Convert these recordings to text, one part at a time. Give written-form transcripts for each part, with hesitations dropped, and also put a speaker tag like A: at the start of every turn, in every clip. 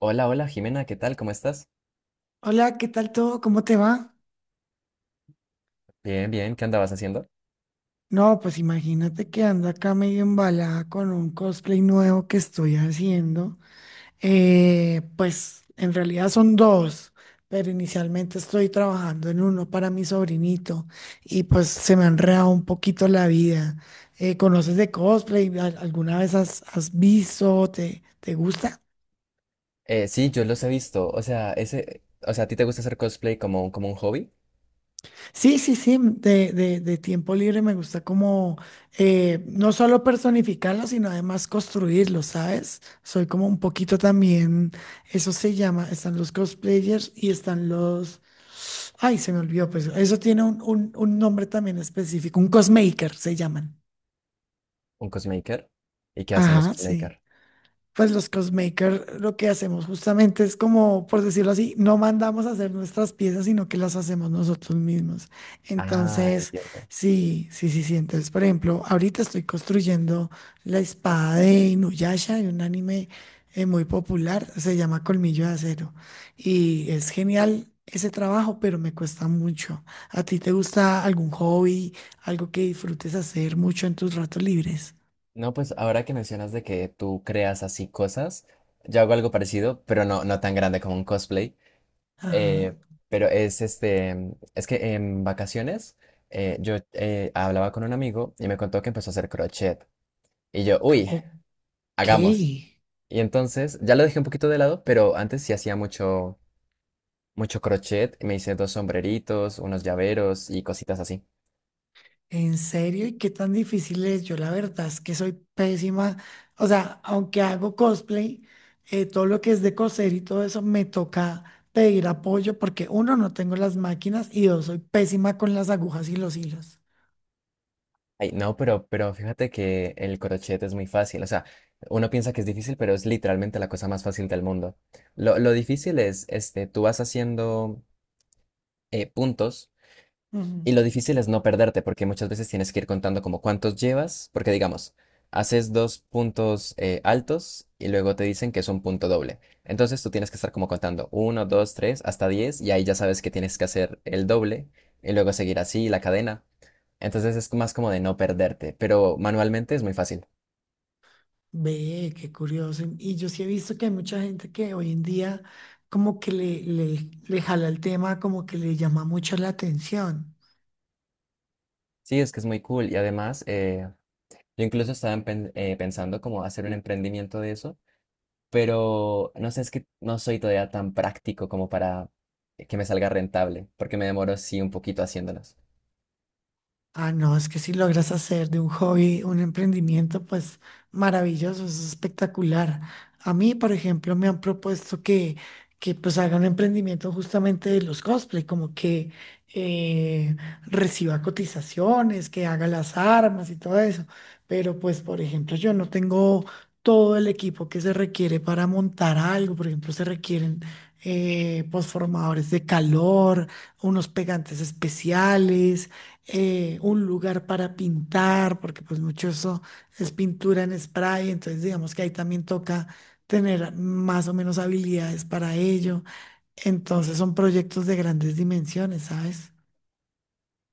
A: Hola, hola Jimena, ¿qué tal? ¿Cómo estás?
B: Hola, ¿qué tal todo? ¿Cómo te va?
A: Bien, bien, ¿qué andabas haciendo?
B: No, pues imagínate que ando acá medio embalada con un cosplay nuevo que estoy haciendo. Pues en realidad son dos, pero inicialmente estoy trabajando en uno para mi sobrinito y pues se me ha enredado un poquito la vida. ¿Conoces de cosplay? ¿Alguna vez has visto? ¿Te gusta?
A: Sí, yo los he visto. O sea, ese, o sea, ¿a ti te gusta hacer cosplay como, como un hobby?
B: Sí, sí, sí, mm, de tiempo libre me gusta como no solo personificarlo, sino además construirlo, ¿sabes? Soy como un poquito también, eso se llama, están los cosplayers y están los, ay, se me olvidó, pues eso tiene un nombre también específico, un cosmaker se llaman.
A: ¿Un cosmaker? ¿Y qué hacen los
B: Ajá, sí.
A: cosmaker?
B: Pues los cosmakers lo que hacemos justamente es como, por decirlo así, no mandamos a hacer nuestras piezas, sino que las hacemos nosotros mismos.
A: Ah,
B: Entonces,
A: entiendo.
B: sí, sí, sí, sí. Entonces, por ejemplo, ahorita estoy construyendo la espada de Inuyasha, de un anime muy popular, se llama Colmillo de Acero. Y es genial ese trabajo, pero me cuesta mucho. ¿A ti te gusta algún hobby, algo que disfrutes hacer mucho en tus ratos libres?
A: No, pues ahora que mencionas de que tú creas así cosas, yo hago algo parecido, pero no, no tan grande como un cosplay.
B: Ajá.
A: Eh, pero es es que en vacaciones yo hablaba con un amigo y me contó que empezó a hacer crochet. Y yo, uy,
B: Ok.
A: hagamos. Y entonces, ya lo dejé un poquito de lado, pero antes sí hacía mucho, mucho crochet. Me hice dos sombreritos, unos llaveros y cositas así.
B: ¿En serio? ¿Y qué tan difícil es? Yo la verdad es que soy pésima. O sea, aunque hago cosplay, todo lo que es de coser y todo eso, me toca pedir apoyo porque uno, no tengo las máquinas y dos, soy pésima con las agujas y los hilos.
A: Ay, no, pero fíjate que el crochet es muy fácil. O sea, uno piensa que es difícil, pero es literalmente la cosa más fácil del mundo. Lo difícil es, este, tú vas haciendo puntos. Y
B: Ujú.
A: lo difícil es no perderte, porque muchas veces tienes que ir contando como cuántos llevas, porque digamos, haces dos puntos altos y luego te dicen que es un punto doble. Entonces tú tienes que estar como contando uno, dos, tres, hasta diez, y ahí ya sabes que tienes que hacer el doble y luego seguir así la cadena. Entonces es más como de no perderte, pero manualmente es muy fácil.
B: Ve, qué curioso. Y yo sí he visto que hay mucha gente que hoy en día como que le jala el tema, como que le llama mucho la atención.
A: Sí, es que es muy cool y además yo incluso estaba pensando como hacer un emprendimiento de eso, pero no sé, es que no soy todavía tan práctico como para que me salga rentable, porque me demoro sí un poquito haciéndolos.
B: Ah, no, es que si logras hacer de un hobby un emprendimiento, pues maravilloso, es espectacular. A mí, por ejemplo, me han propuesto que pues haga un emprendimiento justamente de los cosplay, como que eh, reciba cotizaciones, que haga las armas y todo eso. Pero pues, por ejemplo, yo no tengo todo el equipo que se requiere para montar algo. Por ejemplo, se requieren pues, formadores de calor, unos pegantes especiales un lugar para pintar, porque pues mucho eso es pintura en spray, entonces digamos que ahí también toca tener más o menos habilidades para ello. Entonces son proyectos de grandes dimensiones, ¿sabes?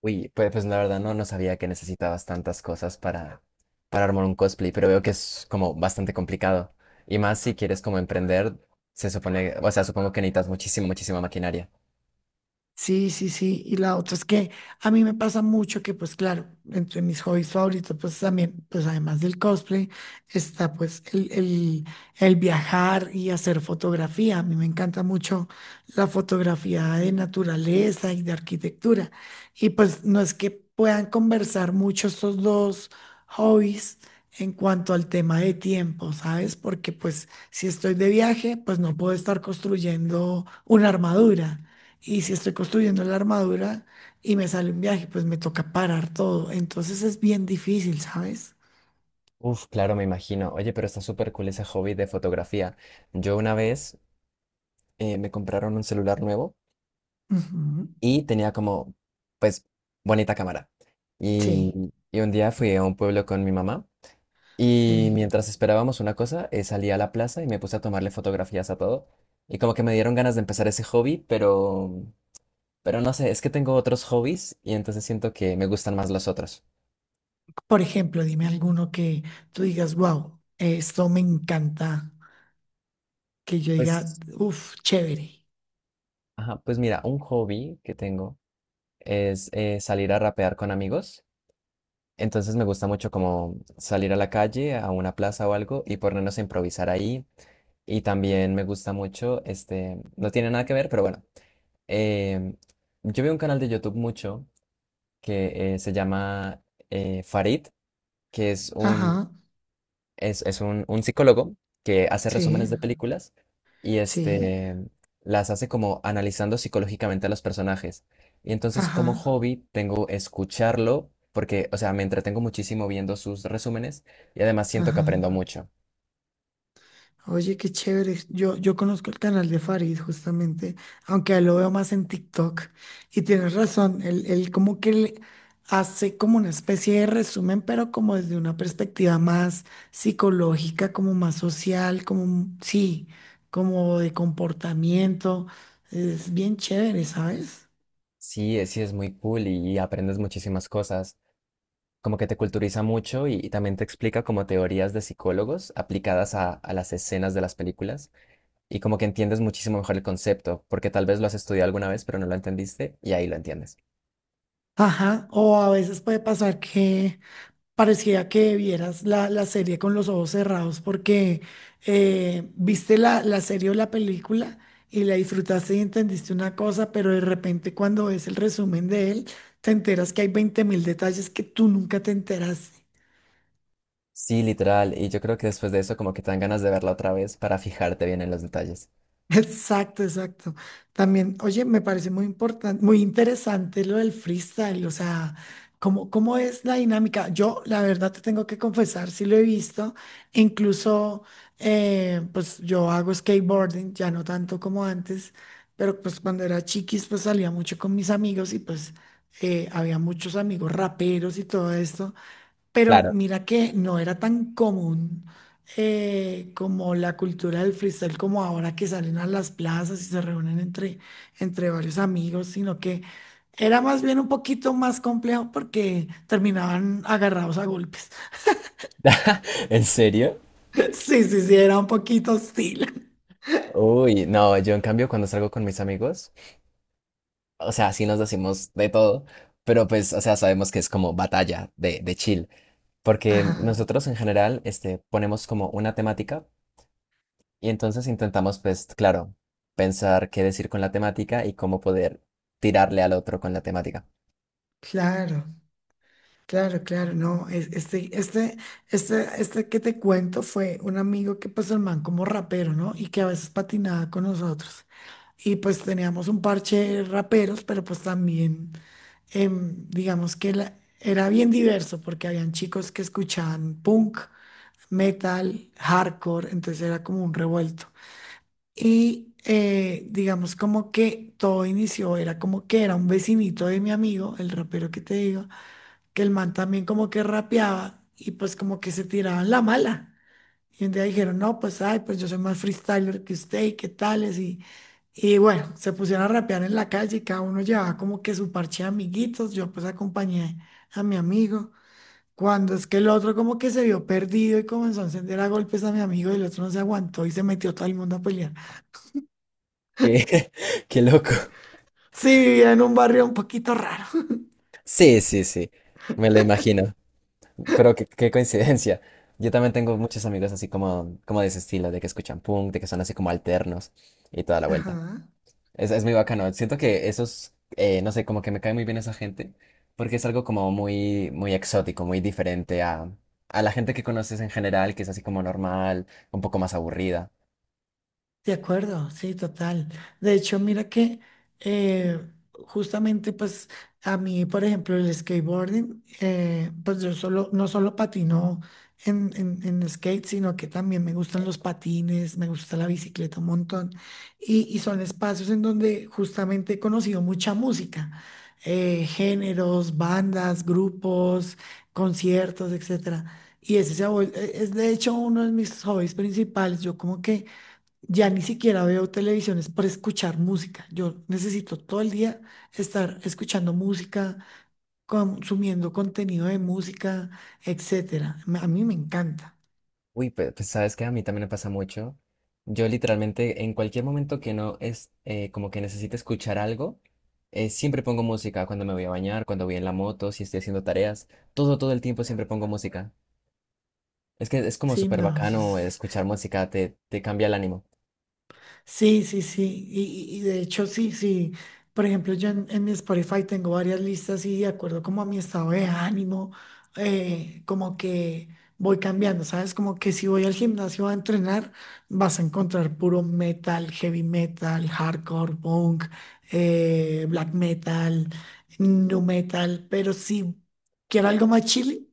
A: Uy, pues, pues la verdad no, no sabía que necesitabas tantas cosas para armar un cosplay, pero veo que es como bastante complicado. Y más si quieres como emprender, se supone, o sea, supongo que necesitas muchísima, muchísima maquinaria.
B: Sí, sí, sí. Y la otra es que a mí me pasa mucho que, pues claro, entre mis hobbies favoritos, pues también, pues además del cosplay, está pues el viajar y hacer fotografía. A mí me encanta mucho la fotografía de naturaleza y de arquitectura. Y pues no es que puedan conversar mucho estos dos hobbies en cuanto al tema de tiempo, ¿sabes? Porque pues si estoy de viaje, pues no puedo estar construyendo una armadura. Y si estoy construyendo la armadura y me sale un viaje, pues me toca parar todo. Entonces es bien difícil, ¿sabes?
A: Uf, claro, me imagino. Oye, pero está súper cool ese hobby de fotografía. Yo una vez me compraron un celular nuevo
B: Ujú.
A: y tenía como, pues, bonita cámara. Y,
B: Sí,
A: y un día fui a un pueblo con mi mamá y
B: sí.
A: mientras esperábamos una cosa, salí a la plaza y me puse a tomarle fotografías a todo. Y como que me dieron ganas de empezar ese hobby, pero no sé, es que tengo otros hobbies y entonces siento que me gustan más los otros.
B: Por ejemplo, dime alguno que tú digas, wow, esto me encanta. Que yo diga,
A: Pues,
B: uff, chévere.
A: ajá, pues mira, un hobby que tengo es salir a rapear con amigos. Entonces me gusta mucho como salir a la calle, a una plaza o algo y ponernos a improvisar ahí. Y también me gusta mucho, este, no tiene nada que ver, pero bueno. em, yo veo un canal de YouTube mucho que se llama Farid, que es un,
B: Ajá,
A: es, es un psicólogo que hace resúmenes
B: sí,
A: de películas y
B: sí,
A: este, las hace como analizando psicológicamente a los personajes. Y entonces como
B: ajá,
A: hobby tengo escucharlo porque, o sea, me entretengo muchísimo viendo sus resúmenes y además siento que aprendo
B: ajá.
A: mucho.
B: Oye, qué chévere. Yo conozco el canal de Farid justamente, aunque a él lo veo más en TikTok. Y tienes razón, él como que le hace como una especie de resumen, pero como desde una perspectiva más psicológica, como más social, como, un- sí, como de comportamiento. Es bien chévere, ¿sabes?
A: Sí, sí es muy cool y aprendes muchísimas cosas. Como que te culturiza mucho y también te explica como teorías de psicólogos aplicadas a las escenas de las películas y como que entiendes muchísimo mejor el concepto, porque tal vez lo has estudiado alguna vez pero no lo entendiste y ahí lo entiendes.
B: Ajá. O a veces puede pasar que parecía que vieras la serie con los ojos cerrados porque viste la serie o la película y la disfrutaste y entendiste una cosa, pero de repente cuando ves el resumen de él, te enteras que hay 20 mil detalles que tú nunca te enteraste.
A: Sí, literal, y yo creo que después de eso como que te dan ganas de verla otra vez para fijarte bien en los detalles.
B: Exacto, exacto. También, oye, me parece muy importante, muy interesante lo del freestyle, o sea, ¿cómo es la dinámica? Yo, la verdad, te tengo que confesar, sí lo he visto, incluso, pues yo hago skateboarding, ya no tanto como antes, pero pues cuando era chiquis, pues salía mucho con mis amigos y pues había muchos amigos raperos y todo esto. Pero
A: Claro.
B: mira que no era tan común como la cultura del freestyle, como ahora que salen a las plazas y se reúnen entre varios amigos, sino que era más bien un poquito más complejo porque terminaban agarrados a golpes.
A: ¿En serio?
B: Sí, sí, sí, era un poquito hostil.
A: Uy, no, yo en cambio cuando salgo con mis amigos, o sea, sí nos decimos de todo, pero pues, o sea, sabemos que es como batalla de chill. Porque
B: Ajá,
A: nosotros en general este, ponemos como una temática y entonces intentamos, pues, claro, pensar qué decir con la temática y cómo poder tirarle al otro con la temática.
B: claro, claro, claro, no, este que te cuento fue un amigo que pues el man como rapero, ¿no? Y que a veces patinaba con nosotros. Y pues teníamos un parche de raperos, pero pues también digamos que era bien diverso porque habían chicos que escuchaban punk, metal, hardcore, entonces era como un revuelto. Y digamos como que todo inició, era como que era un vecinito de mi amigo, el rapero que te digo, que el man también como que rapeaba y pues como que se tiraban la mala. Y un día dijeron, no, pues, ay, pues yo soy más freestyler que usted y qué tales. Y bueno, se pusieron a rapear en la calle y cada uno llevaba como que su parche de amiguitos. Yo pues acompañé a mi amigo. Cuando es que el otro como que se vio perdido y comenzó a encender a golpes a mi amigo y el otro no se aguantó y se metió todo el mundo a pelear.
A: Qué, qué loco.
B: Sí, vivía en un barrio un poquito raro.
A: Sí, sí, sí, me lo imagino, pero qué, qué coincidencia. Yo también tengo muchos amigos así como, como de ese estilo, de que escuchan punk, de que son así como alternos y toda la vuelta.
B: Ajá.
A: Es muy bacano. Siento que esos, no sé, como que me cae muy bien esa gente, porque es algo como muy, muy exótico, muy diferente a la gente que conoces en general, que es así como normal, un poco más aburrida.
B: De acuerdo, sí, total. De hecho, mira que eh, justamente pues a mí, por ejemplo, el skateboarding, pues yo solo, no solo patino en skate, sino que también me gustan los patines, me gusta la bicicleta un montón. Y son espacios en donde justamente he conocido mucha música, géneros, bandas, grupos, conciertos, etcétera. Y ese se ha vuel- e- es de hecho uno de mis hobbies principales. Yo como que ya ni siquiera veo televisiones para escuchar música. Yo necesito todo el día estar escuchando música, consumiendo contenido de música, etcétera. A mí me encanta.
A: Uy, pues, sabes que a mí también me pasa mucho. Yo literalmente en cualquier momento que no es como que necesite escuchar algo, siempre pongo música cuando me voy a bañar, cuando voy en la moto, si estoy haciendo tareas, todo, todo el tiempo siempre pongo música. Es que es como
B: Sí,
A: súper
B: no, eso
A: bacano
B: es
A: escuchar música, te cambia el ánimo.
B: sí, sí, sí. Y de hecho, sí, sí. Por ejemplo, yo en mi Spotify tengo varias listas y de acuerdo como a mi estado de ánimo, como que voy cambiando, ¿sabes? Como que si voy al gimnasio a entrenar, vas a encontrar puro metal, heavy metal, hardcore, punk, black metal, nu metal. Pero si quiero algo más chile,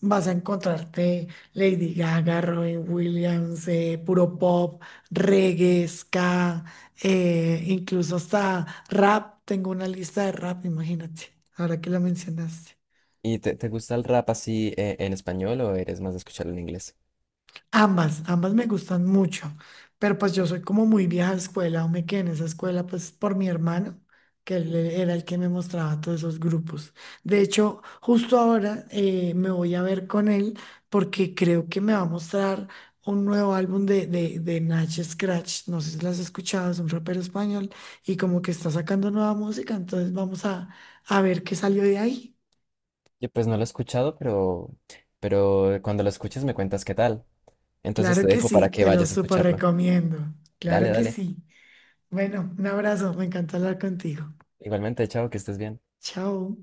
B: vas a encontrarte Lady Gaga, Robin Williams, puro pop reggae, ska, incluso hasta rap. Tengo una lista de rap, imagínate, ahora que la mencionaste.
A: ¿Y te gusta el rap así en español o eres más de escucharlo en inglés?
B: Ambas, ambas me gustan mucho, pero pues yo soy como muy vieja escuela, o me quedé en esa escuela pues por mi hermano, que era el que me mostraba todos esos grupos. De hecho, justo ahora me voy a ver con él porque creo que me va a mostrar un nuevo álbum de Nach Scratch, no sé si lo has escuchado, es un rapero español y como que está sacando nueva música, entonces vamos a ver qué salió de ahí.
A: Yo pues no lo he escuchado, pero cuando lo escuches me cuentas qué tal. Entonces te
B: Claro que
A: dejo
B: sí,
A: para que
B: te lo
A: vayas a
B: súper
A: escucharlo.
B: recomiendo,
A: Dale,
B: claro que
A: dale.
B: sí. Bueno, un abrazo, me encanta hablar contigo.
A: Igualmente, chao, que estés bien.
B: Chao.